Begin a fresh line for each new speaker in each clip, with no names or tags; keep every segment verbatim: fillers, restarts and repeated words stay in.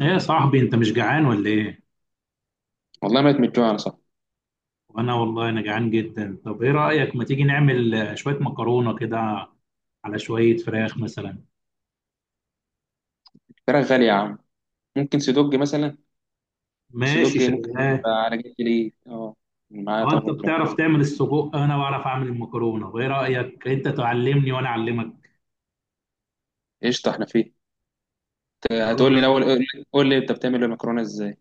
ايه يا صاحبي انت مش جعان ولا ايه؟
والله مات من الجوع انا، صح.
وانا والله انا جعان جدا. طب ايه رأيك ما تيجي نعمل آه، شوية مكرونة كده على شوية فراخ مثلا.
الفراخ غالية يا عم. ممكن سيدوج مثلا.
ماشي
سيدوج ممكن
شغال.
يبقى على جنب ليه، اه. معايا
اه، انت
طبعا لو كده.
بتعرف تعمل السجق، انا بعرف اعمل المكرونة، وايه رأيك انت تعلمني وانا اعلمك.
قشطة، احنا فيه. آه، هتقول لي
خلاص.
الاول، قول لي قول لي انت بتعمل المكرونة ازاي.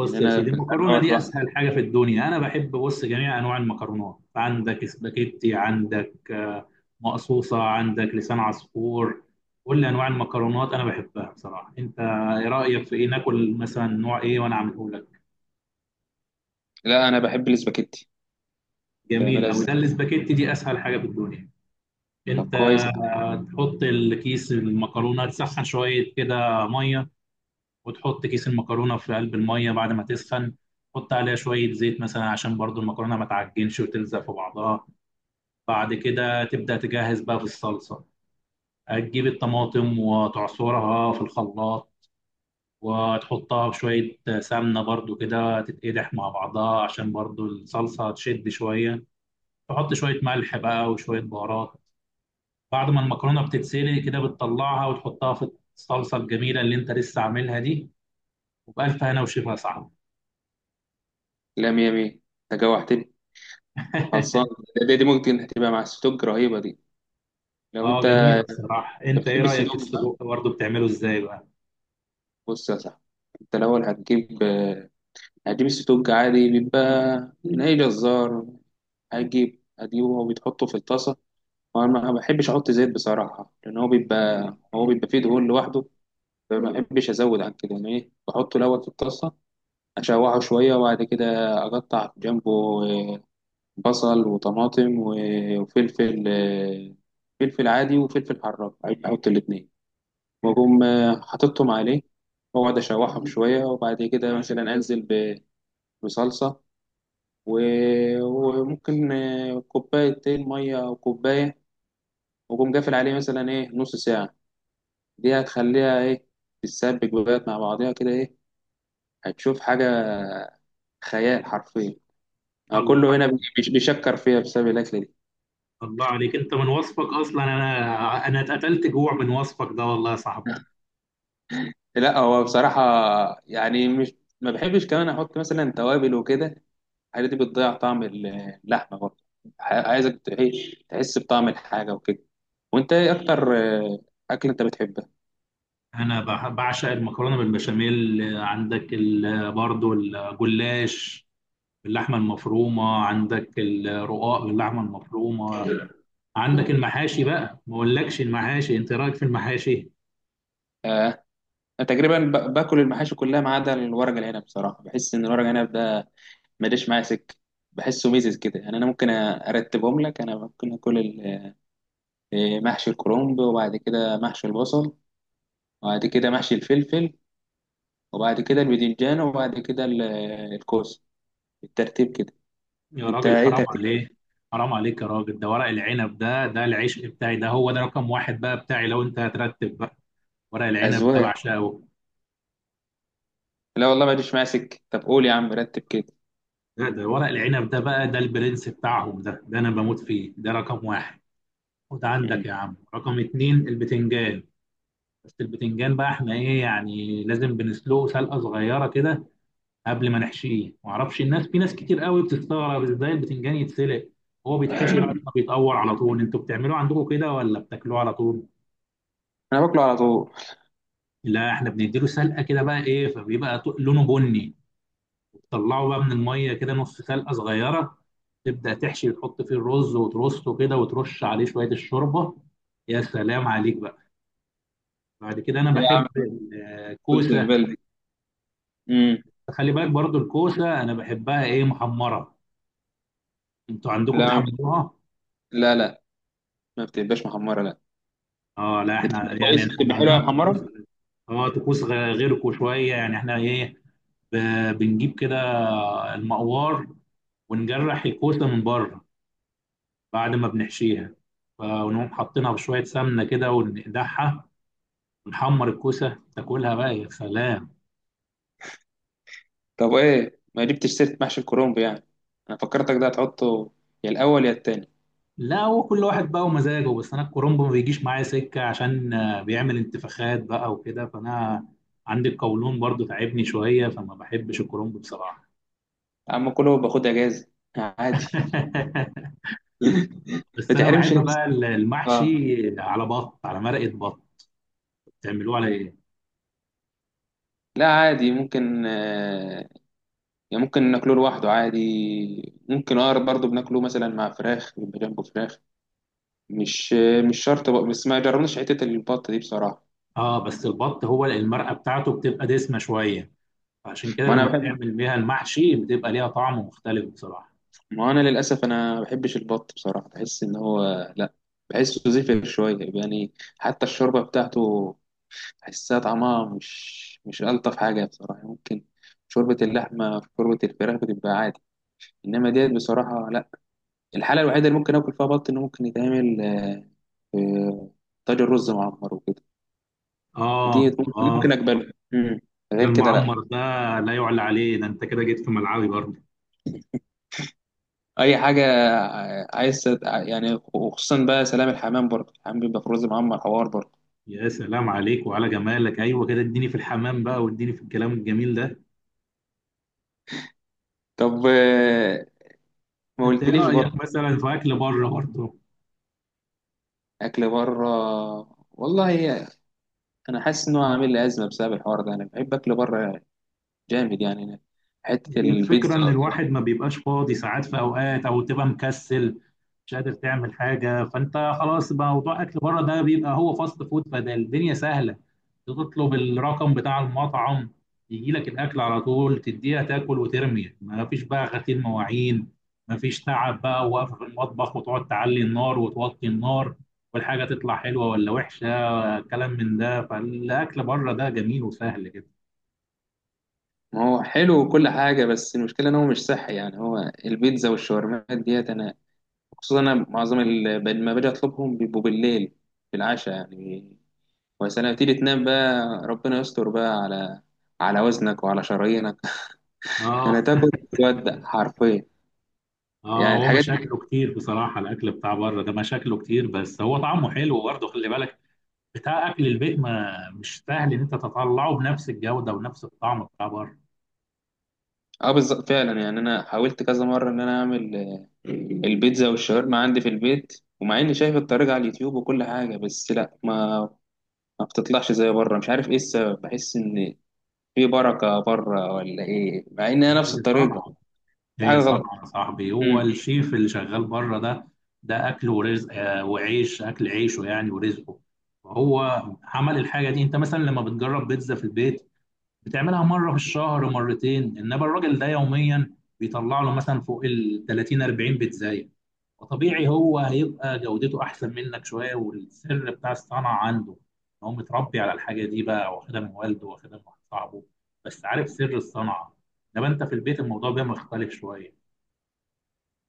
لان
يا
انا
سيدي،
أنا
المكرونه
واحد
دي
واحد.
اسهل حاجه في الدنيا. انا بحب، بص، جميع انواع المكرونات، عندك سباكيتي، عندك آه، مقصوصه، عندك لسان عصفور. كل انواع المكرونات انا بحبها بصراحه. انت ايه رايك في ايه، ناكل مثلا نوع ايه وانا اعمله لك؟
لا انا بحب الاسباجيتي.
جميل
بتعملها
قوي.
ازاي؟
ده الاسباجيتي دي اسهل حاجه في الدنيا.
طب
انت
كويس يا عم.
آه، تحط الكيس المكرونه، تسخن شويه كده ميه، وتحط كيس المكرونه في قلب الميه بعد ما تسخن. تحط عليها شويه زيت مثلا عشان برضو المكرونه ما تعجنش وتلزق في بعضها. بعد كده تبدا تجهز بقى في الصلصه. هتجيب الطماطم وتعصرها في الخلاط، وتحطها بشوية سمنة برضو كده تتقدح مع بعضها عشان برضو الصلصة تشد شوية. تحط شوية ملح بقى وشوية بهارات. بعد ما المكرونة بتتسلق كده بتطلعها وتحطها في الصلصة الجميلة اللي انت لسه عاملها دي. وبألف هنا وشفا صعب.
لا، مية مية. انت جوعتني. خلصان. دي, دي ممكن هتبقى مع السيدوج رهيبة دي. لو
اه
انت.
جميلة بصراحة.
انت
انت ايه
بتحب
رأيك في
السيدوج، صح؟
السجق برضه، بتعمله ازاي بقى؟
بص يا صاحبي، انت الاول هتجيب آه، هتجيب السيدوج عادي، بيبقى من اي جزار. هجيب هجيبه وبيتحطه في الطاسة. وأنا ما بحبش أحط زيت بصراحة، لأن هو بيبقى هو بيبقى فيه دهون لوحده. فما بحبش أزود عن كده، يعني إيه بحطه الأول في الطاسة، أشوحه شوية، وبعد كده أقطع جنبه آه، بصل وطماطم و- وفلفل، آه، فلفل عادي وفلفل حراق. أحط الاتنين، وأقوم آه، حاططهم عليه، وأقعد أشوحهم شوية، وبعد كده مثلا أنزل ب- بصلصة، و- وممكن آه، كوبايتين مية أو كوباية، وقوم قافل عليه مثلا ايه نص ساعة. دي هتخليها ايه تتسبك بقى مع بعضيها كده ايه. هتشوف حاجة خيال حرفيا. أنا
الله.
كله هنا بيش- بيشكر فيها بسبب الأكلة دي.
الله عليك، انت من وصفك اصلا انا انا اتقتلت جوع من وصفك ده والله يا صاحبي.
لا هو بصراحة يعني، مش ما بحبش كمان أحط مثلا توابل وكده. الحاجات دي بتضيع طعم ال- اللحمة برضه. ع- عايزك ت- إيه، تحس بطعم الحاجة وكده. وأنت إيه أكتر آه، أكل أنت بتحبها؟
انا بح- بعشق المكرونة بالبشاميل، عندك ال- برضه الجلاش باللحمة المفرومة، عندك الرقاق باللحمة المفرومة، عندك المحاشي بقى. ما اقولكش المحاشي، انت إيه رأيك في المحاشي؟
أنا تقريبا ب- باكل المحاشي كلها ما عدا الورق العنب، بصراحة بحس إن الورق العنب ده ماليش معايا سكه. بحسه ميزز كده يعني. انا ممكن ارتبهم لك. انا ممكن اكل ال- إيه، محشي الكرنب، وبعد كده محشي البصل، وبعد كده محشي الفلفل، وبعد كده الباذنجان، وبعد كده ال- الكوسه، بالترتيب كده.
يا
انت
راجل
ايه
حرام
ترتيب؟
عليك. حرام عليك يا راجل، ده ورق العنب ده ده العشق بتاعي، ده هو ده رقم واحد بقى بتاعي لو انت هترتب بقى. ورق العنب ده
اذواق.
بعشقه.
لا والله ماليش معايا سكه. طب قول يا عم، رتب كده.
ده, ده ورق العنب ده بقى، ده البرنس بتاعهم، ده ده انا بموت فيه، ده رقم واحد. وده عندك
مم.
يا عم رقم اتنين البتنجان. بس البتنجان بقى احنا ايه يعني، لازم بنسلقه سلقه صغيره كده قبل ما نحشيه. معرفش الناس، في ناس كتير قوي بتستغرب ازاي البتنجان يتسلق، هو بيتحشي بعد ما بيتقور على طول. انتوا بتعملوه عندكم كده ولا بتاكلوه على طول؟
انا باكله على طول.
لا احنا بنديله سلقه كده بقى ايه، فبيبقى ط- لونه بني. طلعه بقى من الميه كده نص سلقه صغيره، تبدا تحشي وتحط فيه الرز وترصه كده وترش عليه شويه الشوربه. يا سلام عليك بقى. بعد كده انا
يا
بحب
عم، قلت
الكوسه.
البلدي. امم
خلي بالك برضو، الكوسه انا بحبها ايه، محمره. انتوا عندكم
لا،
بتحمروها؟
لا، لا، ما بتبقاش محمره، لا.
اه لا،
بتبقى
احنا يعني
كويس،
احنا
بتبقى حلوه يا
عندنا طقوس.
محمره.
اه، طقوس غ- غيركم شويه. يعني احنا ايه، ب- بنجيب كده المقوار ونجرح الكوسه من بره بعد ما بنحشيها، فنقوم حاطينها بشويه سمنه كده وندعها. نحمر الكوسه تاكلها بقى، يا سلام.
طب ايه ما جبتش سيرة محشي الكرنب يعني؟ انا فكرتك ده هتحطه يا الاول يا التاني.
لا هو كل واحد بقى ومزاجه، بس انا الكرنب ما بيجيش معايا سكه عشان آه، بيعمل انتفاخات بقى وكده، فانا عندي القولون برضو تعبني شويه، فما بحبش الكرنب بصراحه.
يا عم كله باخد اجازة عادي. ما
بس انا
تحرمش
بحب
نفسك.
بقى
اه.
المحشي على بط، على مرقه بط. بتعملوه على ايه؟
لا عادي ممكن آه يعني ممكن ناكله لوحده عادي. ممكن اقرب برضه بناكله مثلا مع فراخ، بيبقى جنبه فراخ. مش آه مش شرط بقى، بس ما جربناش حتة البط دي بصراحة.
اه، بس البط هو المرقه بتاعته بتبقى دسمه شويه، فعشان كده
ما انا
لما
بحب
بتعمل بيها المحشي بتبقى ليها طعم مختلف بصراحه.
ما انا للاسف، انا ما بحبش البط بصراحة، بحس ان هو، لا، بحسه زفر شوية يعني. حتى الشوربة بتاعته بحسها طعمها مش مش ألطف حاجة بصراحة. ممكن شوربة اللحمة، في شوربة الفراخ بتبقى عادي، إنما ديت بصراحة لأ. الحالة الوحيدة اللي ممكن آكل فيها بط، إنه ممكن يتعمل آه، في طاجن رز معمر وكده.
اه.
ديت ممكن
اه.
ممكن أقبلها. مم.
ده
غير كده لأ.
المعمر ده لا يعلى عليه. ده انت كده جيت في ملعبي برضه.
أي حاجة آه، عايز تت- يعني، وخصوصا بقى سلام الحمام، برضه الحمام بيبقى في رز معمر حوار برضه.
يا سلام عليك وعلى جمالك، ايوه كده، اديني في الحمام بقى واديني في الكلام الجميل ده.
طب آه، ما
انت ايه
قلتليش
رايك
برضه.
مثلا في اكل بره برضه؟
أكل بره؟ والله أنا حاسس إنه عامل لي أزمة بسبب الحوار ده. أنا بحب أكل بره جامد يعني. حتة
هي الفكرة
البيتزا.
إن الواحد ما بيبقاش فاضي ساعات في أوقات، أو تبقى مكسل مش قادر تعمل حاجة، فأنت خلاص بقى موضوع أكل بره ده بيبقى هو فاست فود، فده الدنيا سهلة. تطلب الرقم بتاع المطعم، يجي لك الأكل على طول، تديها تاكل وترمي، ما فيش بقى غسيل مواعين، ما فيش تعب بقى وقف في المطبخ وتقعد تعلي النار وتوطي النار، والحاجة تطلع حلوة ولا وحشة، كلام من ده. فالأكل بره ده جميل وسهل كده.
ما هو حلو وكل حاجة، بس المشكلة إن هو مش صحي يعني. هو البيتزا والشاورمات ديت، أنا خصوصا أنا معظم ال- لما باجي أطلبهم بيبقوا بالليل، بالعشاء يعني. وسلام، تيجي تنام بقى، ربنا يستر بقى على على وزنك وعلى شرايينك.
آه.
يعني تاكل تودع حرفيا.
اه،
يعني
هو
الحاجات دي.
مشاكله كتير بصراحة، الأكل بتاع بره ده مشاكله كتير، بس هو طعمه حلو برضه خلي بالك. بتاع أكل البيت ما مش سهل إن أنت تطلعه بنفس الجودة ونفس الطعم بتاع بره.
اه بالظبط فعلا. يعني أنا حاولت كذا مرة إن أنا أعمل آه، البيتزا والشاورما عندي في البيت، ومع إني شايف الطريقة على اليوتيوب وكل حاجة، بس لأ، ما ما بتطلعش زي بره. مش عارف ايه السبب. بحس ان في بركه بره ولا ايه، مع ان هي نفس
هي
الطريقه.
صنعة.
في
هي
حاجه غلط.
صنعة يا صاحبي، هو
امم
الشيف اللي شغال بره ده، ده أكل ورزق، آه، وعيش، أكل عيشه يعني ورزقه. فهو عمل الحاجة دي. أنت مثلا لما بتجرب بيتزا في البيت، بتعملها مرة في الشهر مرتين، إنما الراجل ده يوميا بيطلع له مثلا فوق ال ثلاثين أربعين بيتزا. وطبيعي هو هيبقى جودته احسن منك شويه، والسر بتاع الصنعه عنده ان هو متربي على الحاجه دي بقى، واخدها من والده، واخدها من واحد صاحبه، بس عارف سر الصنعه. انما انت في البيت الموضوع بيبقى مختلف شويه.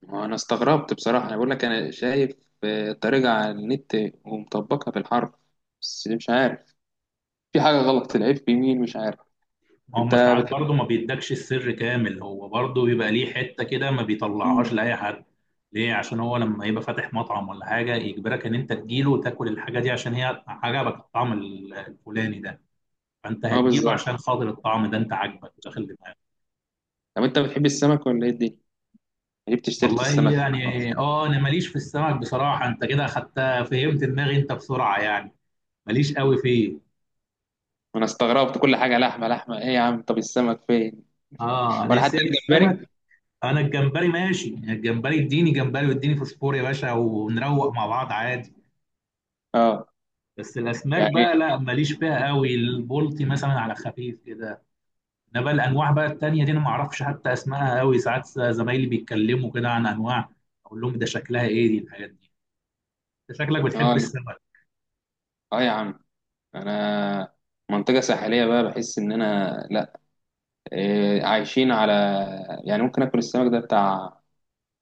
انا استغربت بصراحه. انا بقول لك، انا شايف آه، الطريقه على النت، ومطبقها في الحرب، بس مش عارف، في حاجه غلط. العيب في مين، مش عارف. انت
هم ساعات
بتحب.
برضه ما بيدكش السر كامل، هو برضه بيبقى ليه حته كده ما بيطلعهاش
مم.
لاي حد. ليه؟ عشان هو لما يبقى فاتح مطعم ولا حاجه يجبرك ان انت تجيله وتاكل الحاجه دي عشان هي عجبك الطعم ال- الفلاني ده. فانت
اه
هتجيله
بالظبط.
عشان خاطر الطعم ده انت عاجبك وداخل دماغك.
طب انت بتحب السمك ولا ايه الدنيا؟ جبت اشتريت
والله
السمك النهاردة.
يعني اه، انا ماليش في السمك بصراحه. انت كده اخدتها، فهمت دماغي انت بسرعه يعني، ماليش قوي فيه.
انا استغربت، كل حاجه لحمه لحمه، ايه يا عم، طب السمك فين؟
اه، انا
ولا حتى
نفسي يعني
الجمبري.
السمك. انا الجمبري ماشي، يعني الجمبري اديني جمبري واديني فوسفور يا باشا ونروق مع بعض عادي.
اه،
بس الاسماك
يعني،
بقى لا ماليش فيها قوي، البلطي مثلا على خفيف كده. انا بقى الانواع بقى التانيه دي انا ما اعرفش حتى اسمائها قوي. ساعات زمايلي بيتكلموا كده عن انواع، اقول لهم ده شكلها ايه دي الحاجات دي. انت شكلك بتحب
اه.
السمك.
اه يا عم، انا منطقة ساحلية بقى، بحس ان انا، لا، إيه، عايشين على، يعني ممكن اكل السمك ده بتاع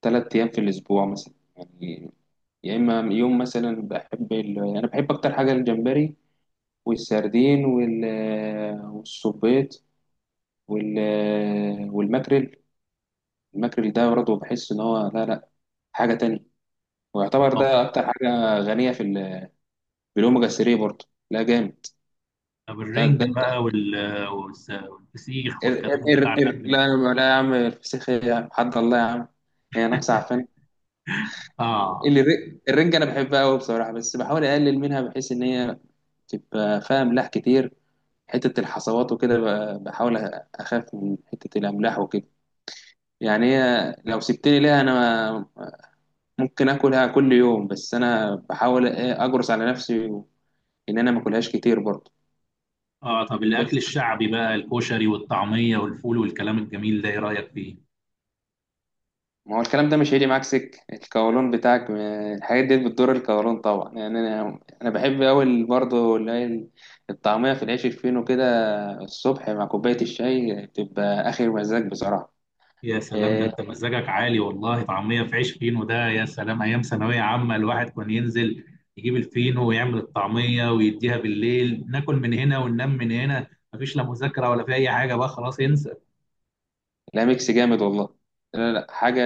ثلاث ايام في الاسبوع مثلا يعني. يا اما يوم مثلا. بحب ال... يعني انا بحب اكتر حاجة الجمبري والسردين وال... والصبيط وال... والماكريل. الماكريل ده برضه بحس ان هو، لا، لا، حاجة تانية. ويعتبر ده اكتر حاجة غنية في ال... بالاوميجا ثلاثة برضه. لا جامد.
طب
ده,
الرنجة
ده
بقى وال- والس- والفسيخ
قر،
والكلام
قر
بتاع فن
قر. لا
الموسيقى.
يا- لا يا عم، الفسيخ إيه يا عم، حد الله يا عم. هي ناقصة عفان.
اه.
اللي الر- الرنجة أنا بحبها أوي بصراحة، بس بحاول أقلل منها بحيث إن هي تبقى فيها أملاح كتير. حتة الحصوات وكده، ب- بحاول أ- أخاف من حتة الأملاح وكده. يعني هي لو سبتني ليها، أنا ممكن آكلها كل يوم، بس أنا بحاول إيه أجرس على نفسي و- إن أنا ما أكلهاش كتير برضه.
اه. طب الاكل
بس
الشعبي بقى، الكشري والطعمية والفول والكلام الجميل ده، ايه رأيك فيه؟
ما هو الكلام ده مش هيجي معاك سكة القولون بتاعك. ما- الحاجات دي بتضر القولون طبعا يعني. انا انا بحب اوي برضه اللي هي ال- الطعمية في العيش الفينو كده. الصبح مع كوباية الشاي بتبقى اخر مزاج بصراحة.
يا سلام، ده
إيه،
انت مزاجك عالي والله. طعمية في عيش فينو ده يا سلام، ايام ثانوية عامة الواحد كان ينزل يجيب الفينو ويعمل الطعمية ويديها بالليل، ناكل من هنا وننام من هنا، مفيش لا مذاكرة ولا في اي حاجة بقى، خلاص انسى.
لا ميكس جامد والله. لا، لا حاجة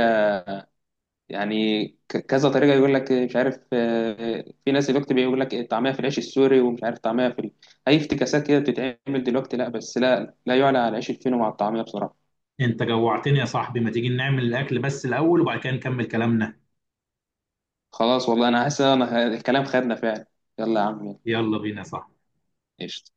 يعني. ك- كذا طريقة يقول لك مش عارف. آه، في ناس دلوقتي بيقول لك طعمها في العيش السوري، ومش عارف طعمها في ال... أي افتكاسات كده بتتعمل دلوقتي. لا، بس لا لا يعلى على العيش الفينو مع الطعمية بصراحة.
انت جوعتني يا صاحبي، ما تيجي نعمل الاكل بس الاول وبعد كده نكمل كلامنا.
خلاص والله انا حاسس ان أنا- الكلام خدنا فعلا. يلا يا عم، يلا.
يلا بينا يا صاحبي.
قشطة